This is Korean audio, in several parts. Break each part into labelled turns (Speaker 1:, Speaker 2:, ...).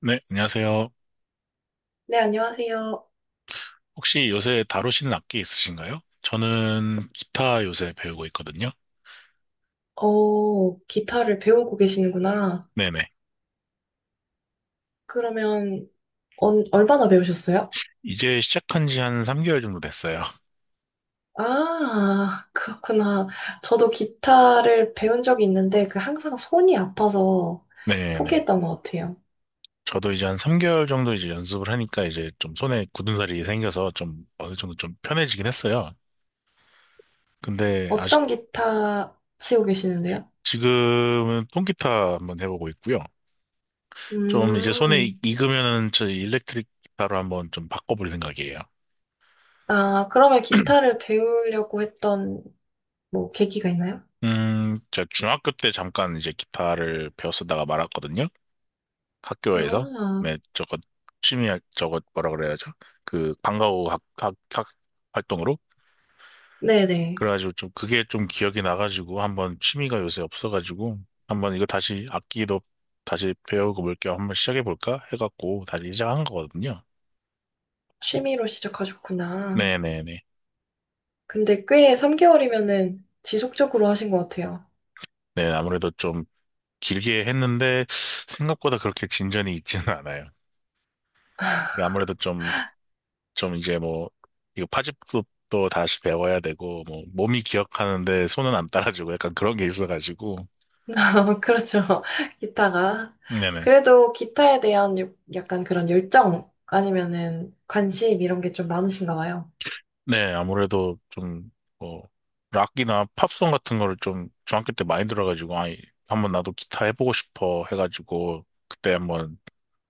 Speaker 1: 네, 안녕하세요.
Speaker 2: 네, 안녕하세요.
Speaker 1: 혹시 요새 다루시는 악기 있으신가요? 저는 기타 요새 배우고 있거든요.
Speaker 2: 어, 기타를 배우고 계시는구나.
Speaker 1: 네네.
Speaker 2: 그러면, 얼마나 배우셨어요?
Speaker 1: 이제 시작한 지 한 3개월 정도 됐어요.
Speaker 2: 아, 그렇구나. 저도 기타를 배운 적이 있는데, 그 항상 손이 아파서
Speaker 1: 네네.
Speaker 2: 포기했던 것 같아요.
Speaker 1: 저도 이제 한 3개월 정도 이제 연습을 하니까 이제 좀 손에 굳은 살이 생겨서 좀 어느 정도 좀 편해지긴 했어요. 근데 아직
Speaker 2: 어떤 기타 치고 계시는데요?
Speaker 1: 지금은 통기타 한번 해보고 있고요. 좀 이제 손에 익-
Speaker 2: 음.
Speaker 1: 익으면은 저 일렉트릭 기타로 한번 좀 바꿔볼 생각이에요.
Speaker 2: 아, 그러면 기타를 배우려고 했던, 뭐, 계기가 있나요?
Speaker 1: 제가 중학교 때 잠깐 이제 기타를 배웠었다가 말았거든요. 학교에서
Speaker 2: 아,
Speaker 1: 네 저거 저거 뭐라 그래야죠. 그 방과후 학 활동으로
Speaker 2: 네네.
Speaker 1: 그래가지고 좀 그게 좀 기억이 나가지고 한번 취미가 요새 없어가지고 한번 이거 다시 악기도 다시 배우고 볼 겸 한번 시작해 볼까 해갖고 다시 시작한 거거든요.
Speaker 2: 취미로 시작하셨구나.
Speaker 1: 네네네.
Speaker 2: 근데 꽤 3개월이면은 지속적으로 하신 것 같아요.
Speaker 1: 네 아무래도 좀 길게 했는데 생각보다 그렇게 진전이 있지는 않아요. 이게 아무래도 좀 좀 이제 뭐, 이거 파집도 다시 배워야 되고, 뭐, 몸이 기억하는데 손은 안 따라주고 약간 그런 게 있어가지고.
Speaker 2: 그렇죠. 기타가.
Speaker 1: 네네.
Speaker 2: 그래도 기타에 대한 요- 약간 그런 열정 아니면은 관심 이런 게 좀 많으신가 봐요.
Speaker 1: 네, 아무래도 좀, 뭐, 락이나 팝송 같은 거를 좀 중학교 때 많이 들어가지고, 아이, 한번 나도 기타 해보고 싶어 해가지고, 그때 한번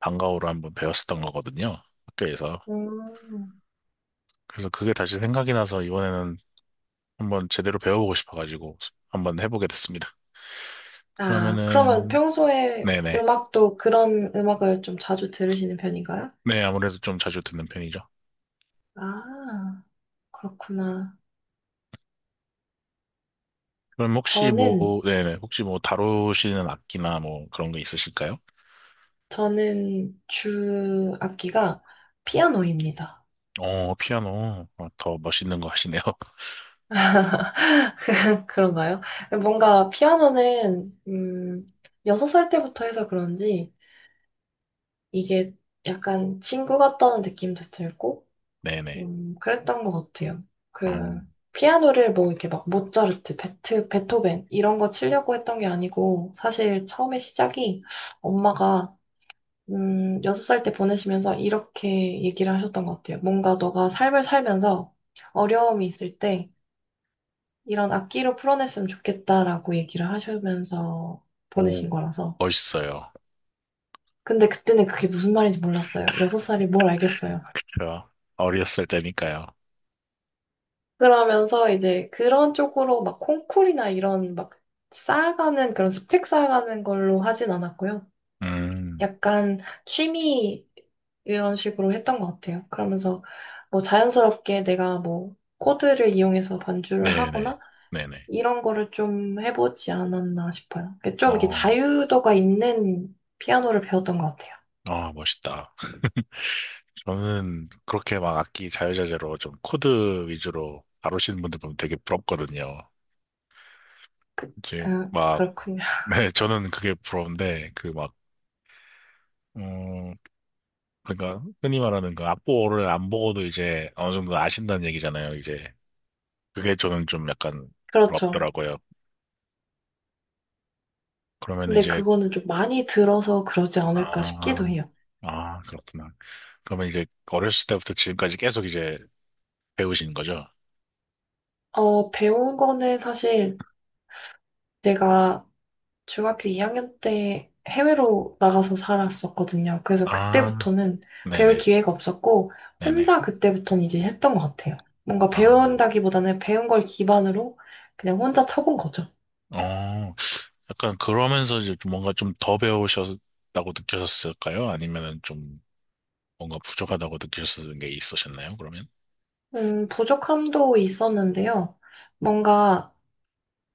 Speaker 1: 방과후로 한번 배웠었던 거거든요. 학교에서.
Speaker 2: 음.
Speaker 1: 그래서 그게 다시 생각이 나서 이번에는 한번 제대로 배워보고 싶어가지고, 한번 해보게 됐습니다.
Speaker 2: 아, 그러면
Speaker 1: 그러면은,
Speaker 2: 평소에
Speaker 1: 네네.
Speaker 2: 음악도 그런 음악을 좀 자주 들으시는 편인가요?
Speaker 1: 네, 아무래도 좀 자주 듣는 편이죠.
Speaker 2: 아, 그렇구나.
Speaker 1: 그럼 혹시 뭐,
Speaker 2: 저는,
Speaker 1: 네네, 혹시 뭐 다루시는 악기나 뭐 그런 거 있으실까요?
Speaker 2: 저는 주 악기가 피아노입니다.
Speaker 1: 어, 피아노. 어, 더 멋있는 거 하시네요.
Speaker 2: 그런가요? 뭔가 피아노는 6살 때부터 해서 그런지 이게 약간 친구 같다는 느낌도 들고
Speaker 1: 네네.
Speaker 2: 그랬던 것 같아요.
Speaker 1: 어
Speaker 2: 그 피아노를 뭐 이렇게 막 모차르트, 베토벤 이런 거 치려고 했던 게 아니고 사실 처음에 시작이 엄마가 6살 때 보내시면서 이렇게 얘기를 하셨던 것 같아요. 뭔가 너가 삶을 살면서 어려움이 있을 때 이런 악기로 풀어냈으면 좋겠다라고 얘기를 하시면서
Speaker 1: 오,
Speaker 2: 보내신 거라서.
Speaker 1: 멋있어요.
Speaker 2: 근데 그때는 그게 무슨 말인지 몰랐어요. 여섯 살이 뭘 알겠어요.
Speaker 1: 제가 어렸을 때니까요.
Speaker 2: 그러면서 이제 그런 쪽으로 막 콩쿨이나 이런 막 쌓아가는 그런 스펙 쌓아가는 걸로 하진 않았고요.
Speaker 1: 음,
Speaker 2: 약간 취미 이런 식으로 했던 것 같아요. 그러면서 뭐 자연스럽게 내가 뭐 코드를 이용해서 반주를
Speaker 1: 네네.
Speaker 2: 하거나
Speaker 1: 네네.
Speaker 2: 이런 거를 좀 해보지 않았나 싶어요. 그러니까 좀 이렇게
Speaker 1: 어,
Speaker 2: 자유도가 있는 피아노를 배웠던 것 같아요.
Speaker 1: 아, 멋있다. 저는 그렇게 막 악기 자유자재로 좀 코드 위주로 다루시는 분들 보면 되게 부럽거든요. 이제 막,
Speaker 2: 그렇군요.
Speaker 1: 네, 저는 그게 부러운데, 그 막, 음, 그러니까 흔히 말하는 그 악보를 안 보고도 이제 어느 정도 아신다는 얘기잖아요. 이제 그게 저는 좀 약간
Speaker 2: 그렇죠.
Speaker 1: 부럽더라고요. 그러면
Speaker 2: 근데
Speaker 1: 이제
Speaker 2: 그거는 좀 많이 들어서 그러지 않을까 싶기도
Speaker 1: 아,
Speaker 2: 해요.
Speaker 1: 아 그렇구나. 그러면 이제 어렸을 때부터 지금까지 계속 이제 배우신 거죠?
Speaker 2: 어, 배운 거는 사실 내가 중학교 2학년 때 해외로 나가서 살았었거든요. 그래서
Speaker 1: 아,
Speaker 2: 그때부터는 배울
Speaker 1: 네네,
Speaker 2: 기회가 없었고,
Speaker 1: 네네.
Speaker 2: 혼자 그때부터는 이제 했던 것 같아요. 뭔가
Speaker 1: 아,
Speaker 2: 배운다기보다는 배운 걸 기반으로 그냥 혼자 쳐본 거죠.
Speaker 1: 어, 약간 그러면서 이제 좀 뭔가 좀 더 배우셨다고 느껴졌을까요? 아니면은 좀. 뭔가 부족하다고 느끼셨던 게 있으셨나요, 그러면?
Speaker 2: 부족함도 있었는데요. 뭔가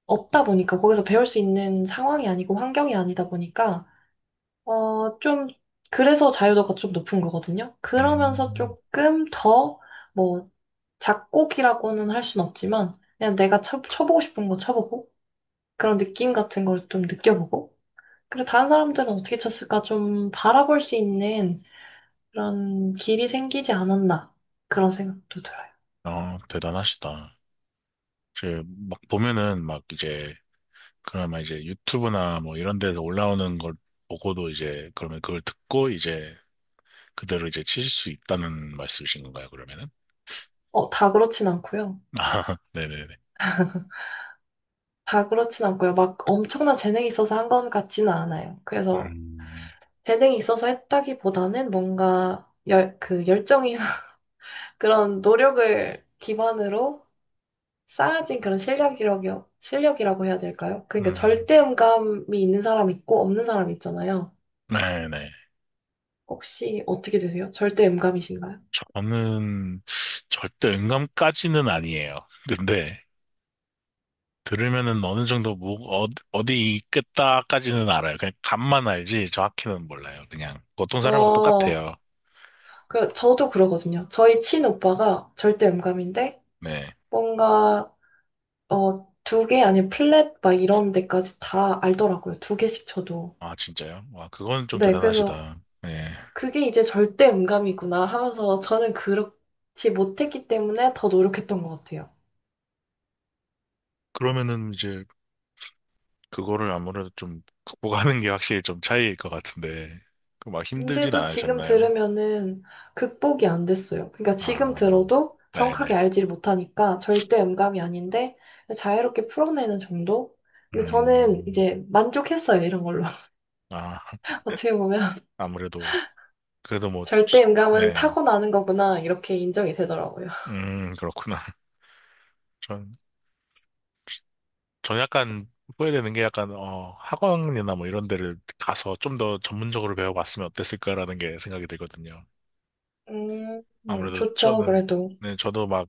Speaker 2: 없다 보니까 거기서 배울 수 있는 상황이 아니고 환경이 아니다 보니까 어, 좀 그래서 자유도가 좀 높은 거거든요. 그러면서
Speaker 1: 음,
Speaker 2: 조금 더 뭐 작곡이라고는 할 순 없지만 그냥 내가 쳐보고 싶은 거 쳐보고 그런 느낌 같은 걸 좀 느껴보고 그리고 다른 사람들은 어떻게 쳤을까 좀 바라볼 수 있는 그런 길이 생기지 않았나 그런 생각도 들어요.
Speaker 1: 아, 대단하시다. 이제 막 보면은 막 이제 그나마 이제 유튜브나 뭐 이런 데서 올라오는 걸 보고도 이제 그러면 그걸 듣고 이제 그대로 이제 치실 수 있다는 말씀이신 건가요, 그러면은?
Speaker 2: 어, 다 그렇진 않고요.
Speaker 1: 아, 네네네.
Speaker 2: 다 그렇진 않고요. 막 엄청난 재능이 있어서 한 건 같지는 않아요. 그래서
Speaker 1: 음,
Speaker 2: 재능이 있어서 했다기보다는 뭔가 그 열정이 그런 노력을 기반으로 쌓아진 그런 실력이라고, 실력이라고 해야 될까요? 그러니까
Speaker 1: 음,
Speaker 2: 절대음감이 있는 사람 있고 없는 사람 있잖아요.
Speaker 1: 네네.
Speaker 2: 혹시 어떻게 되세요? 절대음감이신가요?
Speaker 1: 저는 절대 음감까지는 아니에요. 근데 들으면은 어느 정도 뭐 어, 어디 있겠다까지는 알아요. 그냥 감만 알지 정확히는 몰라요. 그냥 보통 사람하고
Speaker 2: 어,
Speaker 1: 똑같아요.
Speaker 2: 그, 저도 그러거든요. 저희 친오빠가 절대음감인데
Speaker 1: 네.
Speaker 2: 뭔가 어, 두 개 아니면 플랫 막 이런 데까지 다 알더라고요. 두 개씩 쳐도.
Speaker 1: 아 진짜요? 와 그건 좀
Speaker 2: 네, 그래서
Speaker 1: 대단하시다. 네.
Speaker 2: 그게 이제 절대 음감이구나 하면서 저는 그렇지 못했기 때문에 더 노력했던 것 같아요.
Speaker 1: 그러면은 이제 그거를 아무래도 좀 극복하는 게 확실히 좀 차이일 것 같은데 그 막 힘들진
Speaker 2: 근데도 지금
Speaker 1: 않으셨나요?
Speaker 2: 들으면은 극복이 안 됐어요. 그러니까 지금
Speaker 1: 아
Speaker 2: 들어도 정확하게
Speaker 1: 네네.
Speaker 2: 알지를 못하니까 절대 음감이 아닌데 자유롭게 풀어내는 정도? 근데 저는
Speaker 1: 음.
Speaker 2: 이제 만족했어요, 이런 걸로.
Speaker 1: 아
Speaker 2: 어떻게 보면
Speaker 1: 아무래도 그래도 뭐
Speaker 2: 절대 음감은
Speaker 1: 네.
Speaker 2: 타고나는 거구나 이렇게 인정이 되더라고요.
Speaker 1: 그렇구나. 전, 전 약간 후회되는 게 약간, 어, 학원이나 뭐 이런 데를 가서 좀 더 전문적으로 배워봤으면 어땠을까라는 게 생각이 들거든요.
Speaker 2: 음,
Speaker 1: 아무래도
Speaker 2: 좋죠,
Speaker 1: 저는,
Speaker 2: 그래도.
Speaker 1: 네, 저도 막,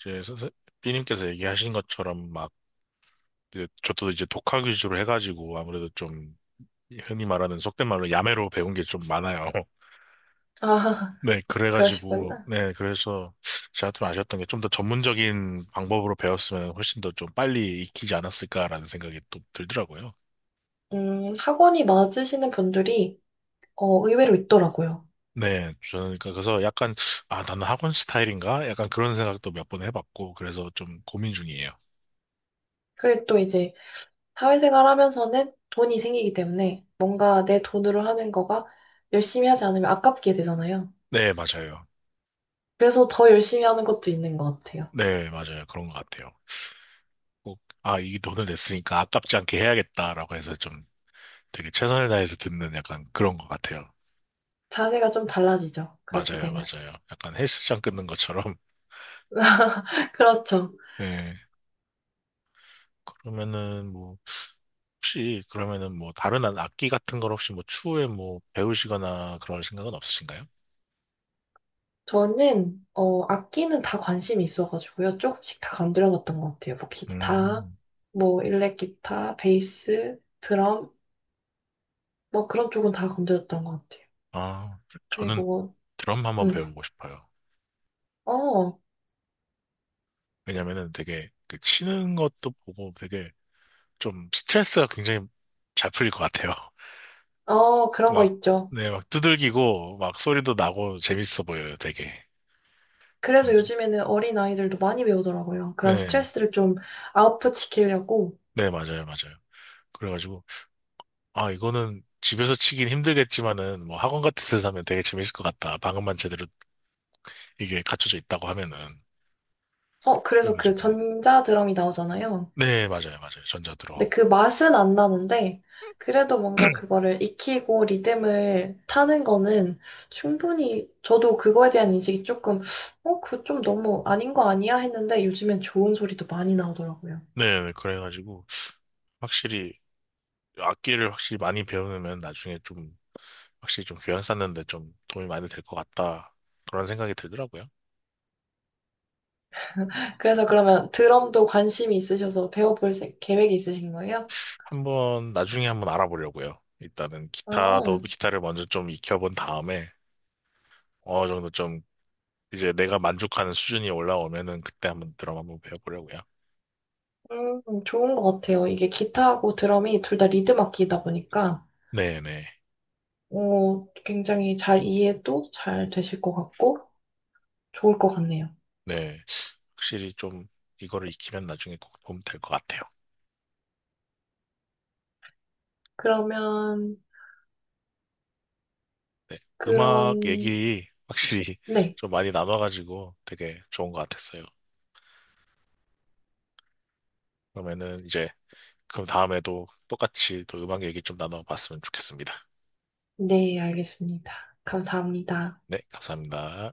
Speaker 1: 이제, B님께서 얘기하신 것처럼 막, 이제 저도 이제 독학 위주로 해가지고 아무래도 좀, 흔히 말하는 속된 말로 야매로 배운 게 좀 많아요.
Speaker 2: 아,
Speaker 1: 네, 그래가지고,
Speaker 2: 그러시구나.
Speaker 1: 네, 그래서 제가 좀 아쉬웠던 게 좀 더 전문적인 방법으로 배웠으면 훨씬 더 좀 빨리 익히지 않았을까라는 생각이 또 들더라고요.
Speaker 2: 학원이 맞으시는 분들이 어, 의외로 있더라고요.
Speaker 1: 네, 저는 그러니까 그래서 약간 아 나는 학원 스타일인가? 약간 그런 생각도 몇 번 해봤고 그래서 좀 고민 중이에요.
Speaker 2: 그리고 또 이제 사회생활 하면서는 돈이 생기기 때문에 뭔가 내 돈으로 하는 거가 열심히 하지 않으면 아깝게 되잖아요.
Speaker 1: 네, 맞아요.
Speaker 2: 그래서 더 열심히 하는 것도 있는 것 같아요.
Speaker 1: 네, 맞아요. 그런 것 같아요. 꼭 아 이 돈을 냈으니까 아깝지 않게 해야겠다라고 해서 좀 되게 최선을 다해서 듣는 약간 그런 것 같아요.
Speaker 2: 자세가 좀 달라지죠, 그렇게
Speaker 1: 맞아요,
Speaker 2: 되면.
Speaker 1: 맞아요. 약간 헬스장 끊는 것처럼.
Speaker 2: 그렇죠.
Speaker 1: 네. 그러면은 뭐 혹시 그러면은 뭐 다른 악기 같은 걸 혹시 뭐 추후에 뭐 배우시거나 그럴 생각은 없으신가요?
Speaker 2: 저는 어 악기는 다 관심이 있어가지고요. 조금씩 다 건드려봤던 것 같아요. 뭐 기타,
Speaker 1: 음.
Speaker 2: 뭐 일렉 기타, 베이스, 드럼, 뭐 그런 쪽은 다 건드렸던 것 같아요.
Speaker 1: 아, 저는
Speaker 2: 그리고
Speaker 1: 드럼 한번
Speaker 2: 음,
Speaker 1: 배워보고 싶어요.
Speaker 2: 어,
Speaker 1: 왜냐면은 되게 그 치는 것도 보고 되게 좀 스트레스가 굉장히 잘 풀릴 것 같아요.
Speaker 2: 어 그런 거
Speaker 1: 막,
Speaker 2: 있죠.
Speaker 1: 네, 막 두들기고 막 소리도 나고 재밌어 보여요, 되게.
Speaker 2: 그래서
Speaker 1: 뭐지?
Speaker 2: 요즘에는 어린 아이들도 많이 배우더라고요. 그런
Speaker 1: 네,
Speaker 2: 스트레스를 좀 아웃풋 시키려고.
Speaker 1: 네, 맞아요, 맞아요. 그래가지고, 아, 이거는 집에서 치긴 힘들겠지만은 뭐 학원 같은 데서 하면 되게 재밌을 것 같다. 방음만 제대로 이게 갖춰져 있다고 하면은.
Speaker 2: 어, 그래서 그
Speaker 1: 그래가지고,
Speaker 2: 전자 드럼이 나오잖아요.
Speaker 1: 네, 맞아요, 맞아요.
Speaker 2: 근데
Speaker 1: 전자드럼.
Speaker 2: 그 맛은 안 나는데, 그래도 뭔가 그거를 익히고 리듬을 타는 거는 충분히, 저도 그거에 대한 인식이 조금, 어, 그 좀 너무 아닌 거 아니야? 했는데 요즘엔 좋은 소리도 많이 나오더라고요.
Speaker 1: 네, 네, 그래가지고, 확실히 악기를 확실히 많이 배우면 나중에 좀 확실히 좀 교양 쌓는데 좀 도움이 많이 될 것 같다. 그런 생각이 들더라고요.
Speaker 2: 그래서 그러면 드럼도 관심이 있으셔서 배워볼 세- 계획이 있으신 거예요?
Speaker 1: 한번 나중에 한번 알아보려고요. 일단은
Speaker 2: 아,
Speaker 1: 기타도 기타를 먼저 좀 익혀본 다음에 어느 정도 좀 이제 내가 만족하는 수준이 올라오면은 그때 한번 드럼 한번 배워보려고요.
Speaker 2: 좋은 것 같아요. 이게 기타하고 드럼이 둘 다 리듬 악기이다 보니까,
Speaker 1: 네네.
Speaker 2: 어, 굉장히 잘 이해도 잘 되실 것 같고, 좋을 것 같네요.
Speaker 1: 네. 확실히 좀 이거를 익히면 나중에 꼭 도움 될 것 같아요.
Speaker 2: 그러면
Speaker 1: 네. 음악
Speaker 2: 그런,
Speaker 1: 얘기 확실히
Speaker 2: 네.
Speaker 1: 좀 많이 나눠가지고 되게 좋은 것 같았어요. 그러면은 이제 그럼 다음에도 똑같이 또 음악 얘기 좀 나눠봤으면 좋겠습니다.
Speaker 2: 네, 알겠습니다. 감사합니다.
Speaker 1: 네, 감사합니다.